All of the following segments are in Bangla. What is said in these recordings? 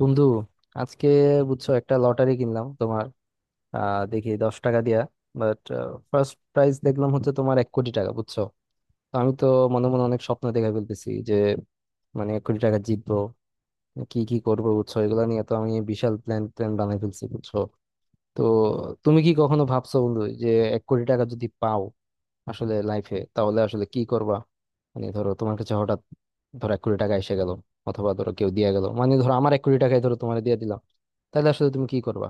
বন্ধু, আজকে বুঝছো, একটা লটারি কিনলাম তোমার। দেখি 10 টাকা দিয়া। বাট ফার্স্ট প্রাইজ দেখলাম হচ্ছে তোমার 1 কোটি টাকা, বুঝছো। তো আমি তো মনে মনে অনেক স্বপ্ন দেখে ফেলতেছি যে, মানে 1 কোটি টাকা জিতবো, কি কি করবো বুঝছো। এগুলা নিয়ে তো আমি বিশাল প্ল্যান প্ল্যান বানাই ফেলছি বুঝছো। তো তুমি কি কখনো ভাবছো বন্ধু যে এক কোটি টাকা যদি পাও আসলে লাইফে, তাহলে আসলে কি করবা? মানে ধরো তোমার কাছে হঠাৎ, ধরো 1 কোটি টাকা এসে গেল, অথবা ধরো কেউ দিয়ে গেল, মানে ধরো আমার 1 কোটি টাকাই ধরো তোমার দিয়ে দিলাম, তাহলে আসলে তুমি কি করবা?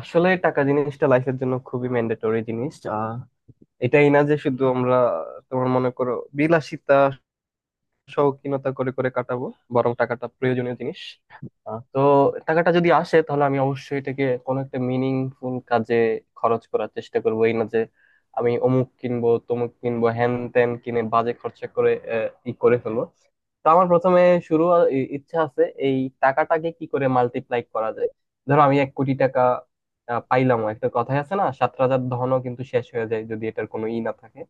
আসলে টাকা জিনিসটা লাইফের জন্য খুবই ম্যান্ডেটরি জিনিস। এটাই না যে শুধু আমরা তোমার মনে করো বিলাসিতা শৌখিনতা করে করে কাটাবো, বরং টাকাটা প্রয়োজনীয় জিনিস। তো টাকাটা যদি আসে তাহলে আমি অবশ্যই এটাকে কোনো একটা মিনিংফুল কাজে খরচ করার চেষ্টা করবো, এই না যে আমি অমুক কিনবো তমুক কিনবো হ্যান ত্যান কিনে বাজে খরচা করে আহ, ই করে ফেলবো। তো আমার প্রথমে শুরু ইচ্ছা আছে এই টাকাটাকে কি করে মাল্টিপ্লাই করা যায়। ধরো আমি 1 কোটি টাকা পাইলাম। একটা কথাই আছে না, সাত রাজার ধনও কিন্তু শেষ হয়ে যায় যদি এটার কোনো ই না থাকে।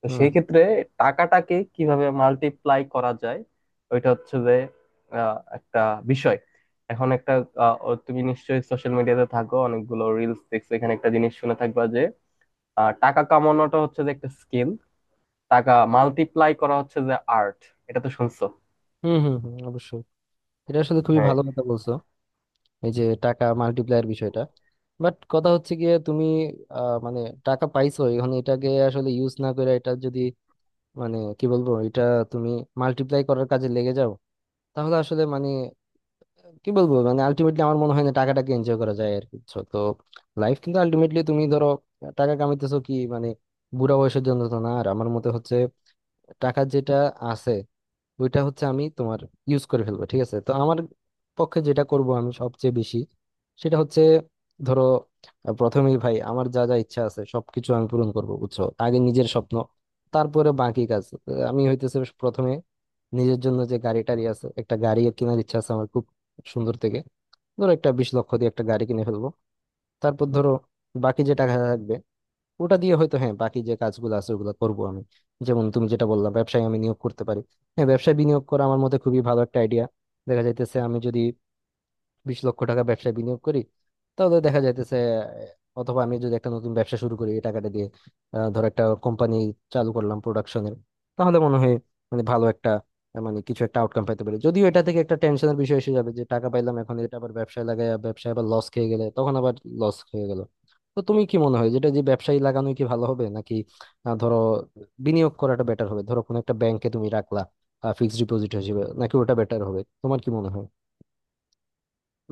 তো হুম সেই ক্ষেত্রে টাকাটাকে কিভাবে মাল্টিপ্লাই করা যায় ওইটা হচ্ছে যে একটা বিষয়। এখন একটা আহ, ও তুমি নিশ্চয়ই সোশ্যাল মিডিয়াতে থাকো, অনেকগুলো রিলস দেখছো, এখানে একটা জিনিস শুনে থাকবা যে টাকা কামানোটা হচ্ছে যে একটা স্কিল। টাকা মাল্টিপ্লাই করা হচ্ছে যে আর্ট। এটা তো শুনছো। হুম হুম হুম, অবশ্যই। এটা আসলে খুবই হ্যাঁ। ভালো কথা বলছো, এই যে টাকা মাল্টিপ্লায়ার বিষয়টা। বাট কথা হচ্ছে গিয়ে তুমি মানে টাকা পাইছো, এখন এটাকে আসলে ইউজ না করে এটা যদি, মানে কি বলবো এটা, তুমি মাল্টিপ্লাই করার কাজে লেগে যাও, তাহলে আসলে মানে কি বলবো, মানে আলটিমেটলি আমার মনে হয় না টাকাটাকে এনজয় করা যায় আর কি বুঝছো? তো লাইফ কিন্তু আলটিমেটলি তুমি ধরো টাকা কামাইতেছো কি, মানে বুড়া বয়সের জন্য তো না। আর আমার মতে হচ্ছে টাকা যেটা আছে, ওইটা হচ্ছে আমি তোমার ইউজ করে ফেলবো, ঠিক আছে। তো আমার পক্ষে যেটা করব আমি সবচেয়ে বেশি, সেটা হচ্ছে ধরো, প্রথমেই ভাই আমার যা যা ইচ্ছা আছে সবকিছু আমি পূরণ করব বুঝছো, আগে নিজের স্বপ্ন, তারপরে বাকি কাজ। আমি হইতেছে প্রথমে নিজের জন্য যে গাড়ি টাড়ি আছে, একটা গাড়ি কেনার ইচ্ছা আছে আমার খুব সুন্দর থেকে। ধরো একটা 20 লক্ষ দিয়ে একটা গাড়ি কিনে ফেলবো। তারপর ধরো বাকি যে টাকা থাকবে ওটা দিয়ে হয়তো হ্যাঁ বাকি যে কাজগুলো আছে ওগুলো করবো আমি। যেমন তুমি যেটা বললা ব্যবসায় আমি নিয়োগ করতে পারি। হ্যাঁ, ব্যবসায় বিনিয়োগ করা আমার মতে খুবই ভালো একটা আইডিয়া। দেখা যাইতেছে আমি যদি 20 লক্ষ টাকা ব্যবসায় বিনিয়োগ করি, তাহলে দেখা যাইতেছে অথবা আমি যদি একটা নতুন ব্যবসা শুরু করি এই টাকাটা দিয়ে, ধর একটা কোম্পানি চালু করলাম প্রোডাকশনের, তাহলে মনে হয় মানে ভালো একটা, মানে কিছু একটা আউটকাম পাইতে পারি। যদিও এটা থেকে একটা টেনশনের বিষয় এসে যাবে যে টাকা পাইলাম এখন এটা আবার ব্যবসায় লাগাই, ব্যবসায় আবার লস খেয়ে গেলে তখন আবার লস হয়ে গেল। তো তুমি কি মনে হয় যেটা যে ব্যবসায়ী লাগানোই কি ভালো হবে, নাকি ধরো বিনিয়োগ করাটা বেটার হবে, ধরো কোনো একটা ব্যাংকে তুমি রাখলা ফিক্সড ডিপোজিট হিসেবে, নাকি ওটা বেটার হবে তোমার কি মনে হয়?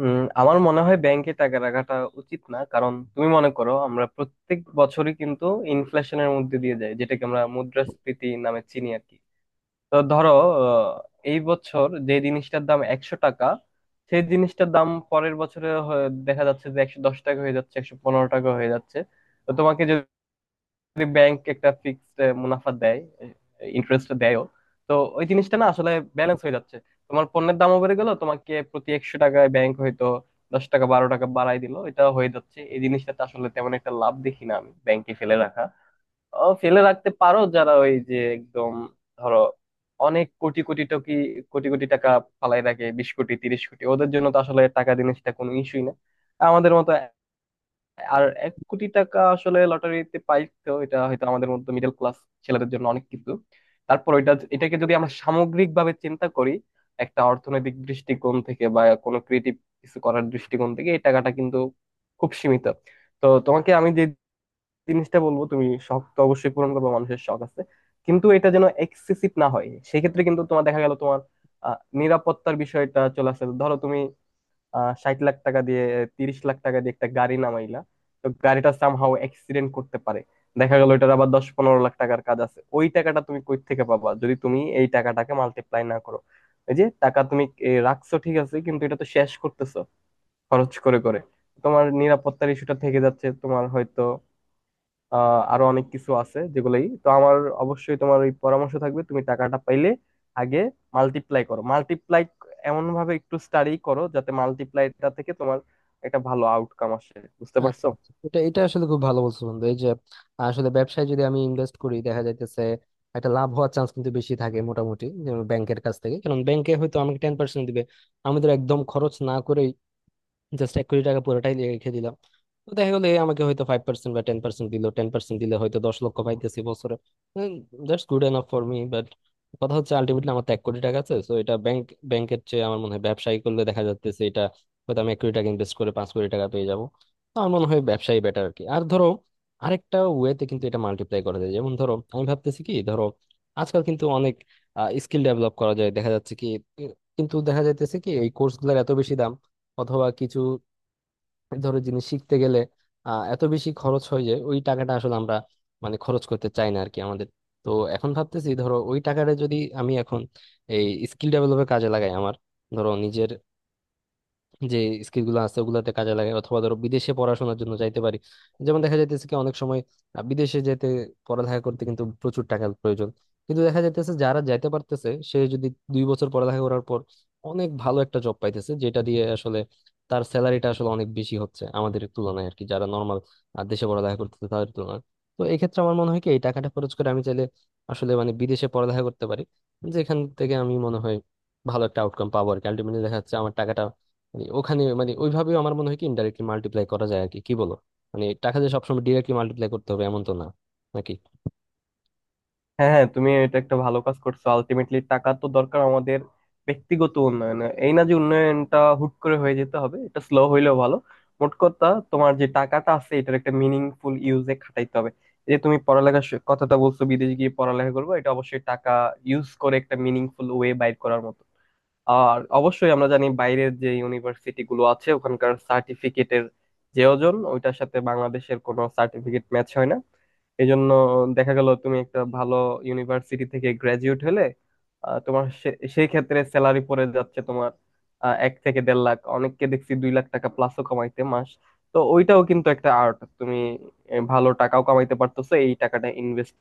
আমার মনে হয় ব্যাংকে টাকা রাখাটা উচিত না, কারণ তুমি মনে করো আমরা প্রত্যেক বছরই কিন্তু ইনফ্লেশনের মধ্যে দিয়ে যাই, যেটাকে আমরা মুদ্রাস্ফীতি নামে চিনি আর কি। তো ধরো আহ, এই বছর যে জিনিসটার দাম 100 টাকা, সেই জিনিসটার দাম পরের বছরে দেখা যাচ্ছে যে 110 টাকা হয়ে যাচ্ছে, 115 টাকা হয়ে যাচ্ছে। তো তোমাকে ব্যাংক একটা ফিক্সড মুনাফা দেয়, ইন্টারেস্ট দেয়ও। তো ওই জিনিসটা না আসলে ব্যালেন্স হয়ে যাচ্ছে। তোমার পণ্যের দামও বেড়ে গেল, তোমাকে প্রতি 100 টাকায় ব্যাংক হয়তো 10 টাকা 12 টাকা বাড়াই দিল। এটা হয়ে যাচ্ছে, এই জিনিসটাতে আসলে তেমন একটা লাভ দেখি না আমি ব্যাংকে ফেলে রাখা। ফেলে রাখতে পারো যারা ওই যে একদম ধরো অনেক কোটি কোটি টকি কোটি কোটি টাকা ফালাই রাখে, 20 কোটি 30 কোটি, ওদের জন্য তো আসলে টাকা জিনিসটা কোনো ইস্যুই না। আমাদের মতো আর 1 কোটি টাকা আসলে লটারিতে পাইতো, এটা হয়তো আমাদের মতো মিডল ক্লাস ছেলেদের জন্য অনেক কিছু। তারপর ওইটা এটাকে যদি আমরা সামগ্রিক ভাবে চিন্তা করি একটা অর্থনৈতিক দৃষ্টিকোণ থেকে বা কোনো ক্রিয়েটিভ কিছু করার দৃষ্টিকোণ থেকে এই টাকাটা কিন্তু খুব সীমিত। তো তোমাকে আমি যে জিনিসটা বলবো, তুমি শখ তো অবশ্যই পূরণ করবে, মানুষের শখ আছে, কিন্তু এটা যেন এক্সেসিভ না হয়। সেক্ষেত্রে কিন্তু তোমার দেখা গেল তোমার নিরাপত্তার বিষয়টা চলে আসে। ধরো তুমি 60 লাখ টাকা দিয়ে 30 লাখ টাকা দিয়ে একটা গাড়ি নামাইলা। তো গাড়িটা সামহাও অ্যাক্সিডেন্ট করতে পারে, দেখা গেল এটার আবার 10-15 লাখ টাকার কাজ আছে। ওই টাকাটা তুমি কই থেকে পাবা যদি তুমি এই টাকাটাকে মাল্টিপ্লাই না করো? এই যে টাকা তুমি রাখছো ঠিক আছে, কিন্তু এটা তো শেষ করতেছো খরচ করে করে। তোমার নিরাপত্তার ইস্যুটা থেকে যাচ্ছে, তোমার হয়তো আরো অনেক কিছু আছে যেগুলাই তো আমার অবশ্যই তোমার ওই পরামর্শ থাকবে তুমি টাকাটা পাইলে আগে মাল্টিপ্লাই করো, মাল্টিপ্লাই এমন ভাবে একটু স্টাডি করো যাতে মাল্টিপ্লাইটা থেকে তোমার একটা ভালো আউটকাম আসে। বুঝতে আচ্ছা পারছো? আচ্ছা। এটা এটা আসলে খুব ভালো বলছো বন্ধু। এই যে আসলে ব্যবসায় যদি আমি ইনভেস্ট করি দেখা যাইতেছে একটা লাভ হওয়ার চান্স কিন্তু বেশি থাকে মোটামুটি, যেমন ব্যাংকের কাছ থেকে, কারণ ব্যাংকে হয়তো আমাকে 10% দিবে। আমি তো একদম খরচ না করে জাস্ট 1 কোটি টাকা পুরোটাই রেখে দিলাম, তো দেখা গেলো এ আমাকে হয়তো 5% বা 10% দিল, 10% দিলে হয়তো 10 লক্ষ পাইতেছি বছরে। That's good enough for me. But কথা হচ্ছে আলটিমেটলি আমার তো 1 কোটি টাকা আছে, তো এটা ব্যাংকের চেয়ে আমার মনে হয় ব্যবসায়ী করলে দেখা যাচ্ছে এটা হয়তো আমি 1 কোটি টাকা ইনভেস্ট করে 5 কোটি টাকা পেয়ে যাবো। তো আমার মনে হয় ব্যবসায়ী বেটার আর কি। আর ধরো আরেকটা ওয়েতে কিন্তু এটা মাল্টিপ্লাই করা যায়। যেমন ধরো আমি ভাবতেছি কি, ধরো আজকাল কিন্তু অনেক স্কিল ডেভেলপ করা যায় দেখা যাচ্ছে কি, কিন্তু দেখা যাইতেছে কি এই কোর্স গুলোর এত বেশি দাম, অথবা কিছু ধরো জিনিস শিখতে গেলে এত বেশি খরচ হয় যে ওই টাকাটা আসলে আমরা মানে খরচ করতে চাই না আর কি আমাদের। তো এখন ভাবতেছি ধরো ওই টাকাটা যদি আমি এখন এই স্কিল ডেভেলপের কাজে লাগাই আমার, ধরো নিজের যে স্কিল গুলো আছে ওগুলাতে কাজে লাগে, অথবা ধরো বিদেশে পড়াশোনার জন্য যাইতে পারি। যেমন দেখা যাইতেছে কি অনেক সময় বিদেশে যেতে পড়ালেখা করতে কিন্তু প্রচুর টাকার প্রয়োজন, কিন্তু দেখা যাইতেছে যারা যাইতে পারতেছে সে যদি 2 বছর পড়ালেখা করার পর অনেক ভালো একটা জব পাইতেছে, যেটা দিয়ে আসলে তার স্যালারিটা আসলে অনেক বেশি হচ্ছে আমাদের তুলনায় আর কি, যারা নর্মাল দেশে পড়ালেখা করতেছে তাদের তুলনায়। তো এই ক্ষেত্রে আমার মনে হয় কি এই টাকাটা খরচ করে আমি চাইলে আসলে মানে বিদেশে পড়ালেখা করতে পারি, যেখান থেকে আমি মনে হয় ভালো একটা আউটকাম পাবো আর কি। আলটিমেটলি দেখা যাচ্ছে আমার টাকাটা মানে ওখানে, মানে ওইভাবেও আমার মনে হয় কি ইনডাইরেক্টলি মাল্টিপ্লাই করা যায় আর কি, কি বলো? মানে টাকা দিয়ে সবসময় ডিরেক্টলি মাল্টিপ্লাই করতে হবে এমন তো না, নাকি? হ্যাঁ হ্যাঁ, তুমি এটা একটা ভালো কাজ করছো, আলটিমেটলি টাকা তো দরকার আমাদের ব্যক্তিগত উন্নয়ন। এই না যে উন্নয়নটা হুট করে হয়ে যেতে হবে, এটা স্লো হইলেও ভালো। মোট কথা তোমার যে টাকাটা আছে এটার একটা মিনিংফুল ইউজে খাটাইতে হবে। এই যে তুমি পড়ালেখার কথাটা বলছো বিদেশ গিয়ে পড়ালেখা করবো, এটা অবশ্যই টাকা ইউজ করে একটা মিনিংফুল ওয়ে বাইর করার মতো। আর অবশ্যই আমরা জানি বাইরের যে ইউনিভার্সিটি গুলো আছে ওখানকার সার্টিফিকেটের যে ওজন ওইটার সাথে বাংলাদেশের কোনো সার্টিফিকেট ম্যাচ হয় না। এই জন্য দেখা গেল তুমি একটা ভালো ইউনিভার্সিটি থেকে গ্রাজুয়েট হলে তোমার সেই ক্ষেত্রে স্যালারি পড়ে যাচ্ছে তোমার 1 থেকে দেড় লাখ, অনেককে দেখছি 2 লাখ টাকা প্লাসও কামাইতে মাস। তো ওইটাও কিন্তু একটা আর্ট। তুমি ভালো টাকাও কামাইতে পারতেছো এই টাকাটা ইনভেস্ট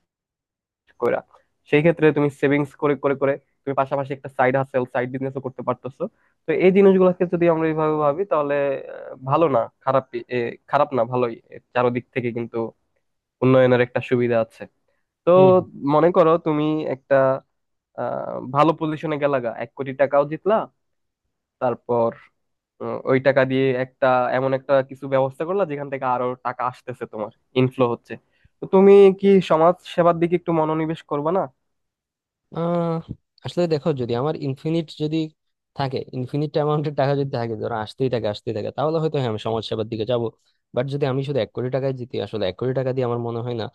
কইরা। সেই ক্ষেত্রে তুমি সেভিংস করে করে করে তুমি পাশাপাশি একটা সাইড হাসেল সাইড বিজনেসও করতে পারতেছো। তো এই জিনিসগুলোকে যদি আমরা এইভাবে ভাবি তাহলে ভালো না খারাপ, খারাপ না ভালোই, এর চারদিক থেকে কিন্তু উন্নয়নের একটা সুবিধা আছে। তো হুম। মনে করো তুমি একটা ভালো পজিশনে গেলা গা, 1 কোটি টাকাও জিতলা। তারপর ওই টাকা দিয়ে একটা এমন একটা কিছু ব্যবস্থা করলা যেখান থেকে আরো টাকা আসতেছে তোমার, ইনফ্লো হচ্ছে। তো তুমি কি সমাজ সেবার দিকে একটু মনোনিবেশ করবে না? আহ আসলে দেখো যদি আমার ইনফিনিট যদি থাকে, ইনফিনিট অ্যামাউন্টের টাকা যদি থাকে ধরো, আসতেই থাকে আসতেই থাকে, তাহলে হয়তো হ্যাঁ আমি সমাজসেবার দিকে যাব। বাট যদি আমি শুধু 1 কোটি টাকায় জিতি, আসলে 1 কোটি টাকা দিয়ে আমার মনে হয় না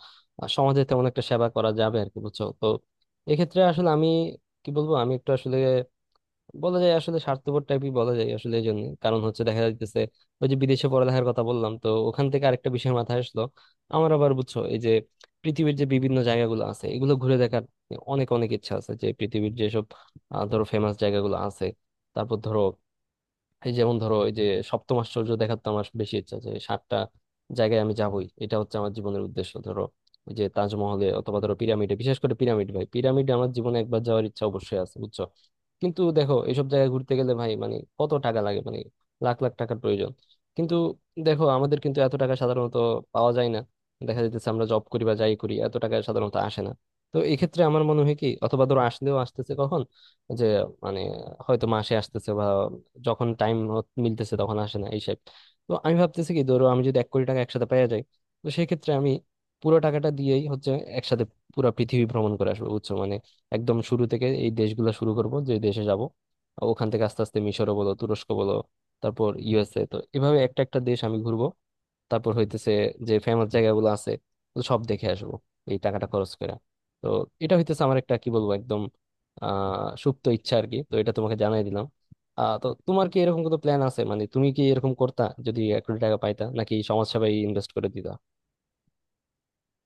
সমাজের তেমন একটা সেবা করা যাবে আর কি বুঝছো। তো এক্ষেত্রে আসলে আমি কি বলবো, আমি একটু আসলে বলা যায় আসলে স্বার্থপর টাইপই বলা যায় আসলে এই জন্য। কারণ হচ্ছে দেখা যাইতেছে ওই যে বিদেশে পড়ালেখার কথা বললাম তো ওখান থেকে আরেকটা বিষয় মাথায় আসলো আমার আবার বুঝছো। এই যে পৃথিবীর যে বিভিন্ন জায়গাগুলো আছে এগুলো ঘুরে দেখার অনেক অনেক ইচ্ছা আছে, যে পৃথিবীর যেসব ধরো ফেমাস জায়গাগুলো আছে, তারপর ধরো এই যেমন ধরো এই যে সপ্তম আশ্চর্য দেখার, তো আমার বেশি ইচ্ছা যে সাতটা জায়গায় আমি যাবই, এটা হচ্ছে আমার জীবনের উদ্দেশ্য। ধরো ওই যে তাজমহলে, অথবা ধরো পিরামিডে, বিশেষ করে পিরামিড ভাই, পিরামিডে আমার জীবনে একবার যাওয়ার ইচ্ছা অবশ্যই আছে বুঝছো। কিন্তু দেখো এসব জায়গায় ঘুরতে গেলে ভাই মানে কত টাকা লাগে, মানে লাখ লাখ টাকার প্রয়োজন। কিন্তু দেখো আমাদের কিন্তু এত টাকা সাধারণত পাওয়া যায় না, দেখা যাইতেছে আমরা জব করি বা যাই করি এত টাকা সাধারণত আসে না। তো এই ক্ষেত্রে আমার মনে হয় কি, অথবা ধরো আসলেও আসতেছে কখন, যে মানে হয়তো মাসে আসতেছে, যখন টাইম মিলতেছে তখন আসে না এই shape। তো আমি ভাবতেছি কি ধরো আমি যদি 1 কোটি টাকা একসাথে পেয়ে যাই, তো সেক্ষেত্রে আমি পুরো টাকাটা দিয়েই হচ্ছে একসাথে পুরো পৃথিবী ভ্রমণ করে আসবো বুঝছো। মানে একদম শুরু থেকে এই দেশগুলো শুরু করব, যে দেশে যাব ওখান থেকে আস্তে আস্তে, মিশরও বলো তুরস্ক বলো, তারপর USA, তো এভাবে একটা একটা দেশ আমি ঘুরবো। তারপর হইতেছে যে ফেমাস জায়গাগুলো আছে তো সব দেখে আসবো এই টাকাটা খরচ করে। তো এটা হইতেছে আমার একটা কি বলবো একদম সুপ্ত ইচ্ছা আর কি। তো এটা তোমাকে জানাই দিলাম। তো তোমার কি এরকম কোনো প্ল্যান আছে, মানে তুমি কি এরকম করতা যদি এক কোটি টাকা পাইতা, নাকি সমাজসেবায় ইনভেস্ট করে দিতা?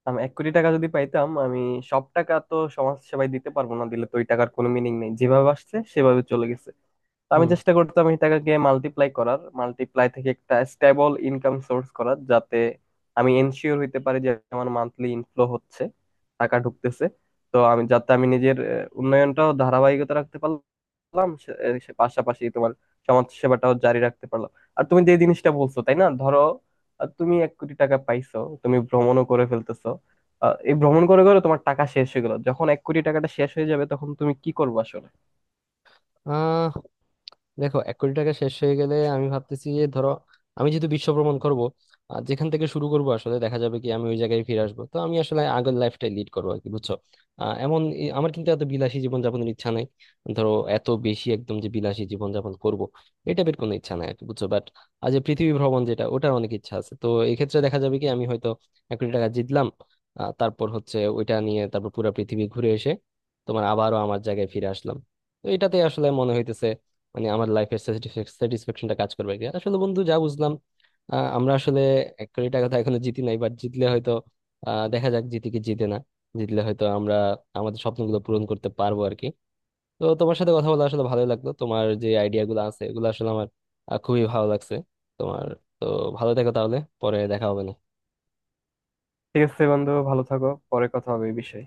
আমি এক কোটি টাকা যদি পাইতাম আমি সব টাকা তো সমাজ সেবায় দিতে পারবো না। দিলে তো ওই টাকার কোনো মিনিং নেই, যেভাবে আসছে সেভাবে চলে গেছে। তো আমি হুম। চেষ্টা করতাম এই টাকাকে মাল্টিপ্লাই করার, মাল্টিপ্লাই থেকে একটা স্টেবল ইনকাম সোর্স করার যাতে আমি এনশিওর হইতে পারি যে আমার মান্থলি ইনফ্লো হচ্ছে, টাকা ঢুকতেছে। তো আমি যাতে আমি নিজের উন্নয়নটাও ধারাবাহিকতা রাখতে পারলাম সে পাশাপাশি তোমার সমাজ সেবাটাও জারি রাখতে পারলাম। আর তুমি যে জিনিসটা বলছো তাই না। ধরো তুমি 1 কোটি টাকা পাইছো, তুমি ভ্রমণও করে ফেলতেছো। এই ভ্রমণ করে করে তোমার টাকা শেষ হয়ে গেল। যখন 1 কোটি টাকাটা শেষ হয়ে যাবে তখন তুমি কি করবে আসলে? আহ দেখো 1 কোটি টাকা শেষ হয়ে গেলে আমি ভাবতেছি যে ধরো, আমি যেহেতু বিশ্ব ভ্রমণ করবো আর যেখান থেকে শুরু করবো আসলে দেখা যাবে কি আমি ওই জায়গায় ফিরে আসবো, তো আমি আসলে আগের লাইফটাই লিড করবো আর কি বুঝছো। আমার কিন্তু এত বিলাসী জীবনযাপনের ইচ্ছা নাই। ধরো এত বেশি একদম যে বিলাসী জীবনযাপন করবো এটা বের কোনো ইচ্ছা নাই আর কি বুঝছো। বাট আজ যে পৃথিবী ভ্রমণ যেটা ওটার অনেক ইচ্ছা আছে, তো এই ক্ষেত্রে দেখা যাবে কি আমি হয়তো 1 কোটি টাকা জিতলাম, তারপর হচ্ছে ওইটা নিয়ে তারপর পুরো পৃথিবী ঘুরে এসে তোমার আবারও আমার জায়গায় ফিরে আসলাম। তো এটাতে আসলে মনে হইতেছে মানে আমার লাইফের স্যাটিসফ্যাকশনটা কাজ করবে কি আসলে? বন্ধু যা বুঝলাম, আমরা আসলে 1 কোটি টাকা তো এখনো জিতি নাই, বাট জিতলে হয়তো, দেখা যাক জিতি কি জিতে না, জিতলে হয়তো আমরা আমাদের স্বপ্নগুলো পূরণ করতে পারবো আর কি। তো তোমার সাথে কথা বলে আসলে ভালোই লাগলো, তোমার যে আইডিয়া গুলো আছে এগুলো আসলে আমার খুবই ভালো লাগছে তোমার। তো ভালো থেকো তাহলে, পরে দেখা হবে না। ঠিক আছে বন্ধু, ভালো থাকো, পরে কথা হবে এই বিষয়ে।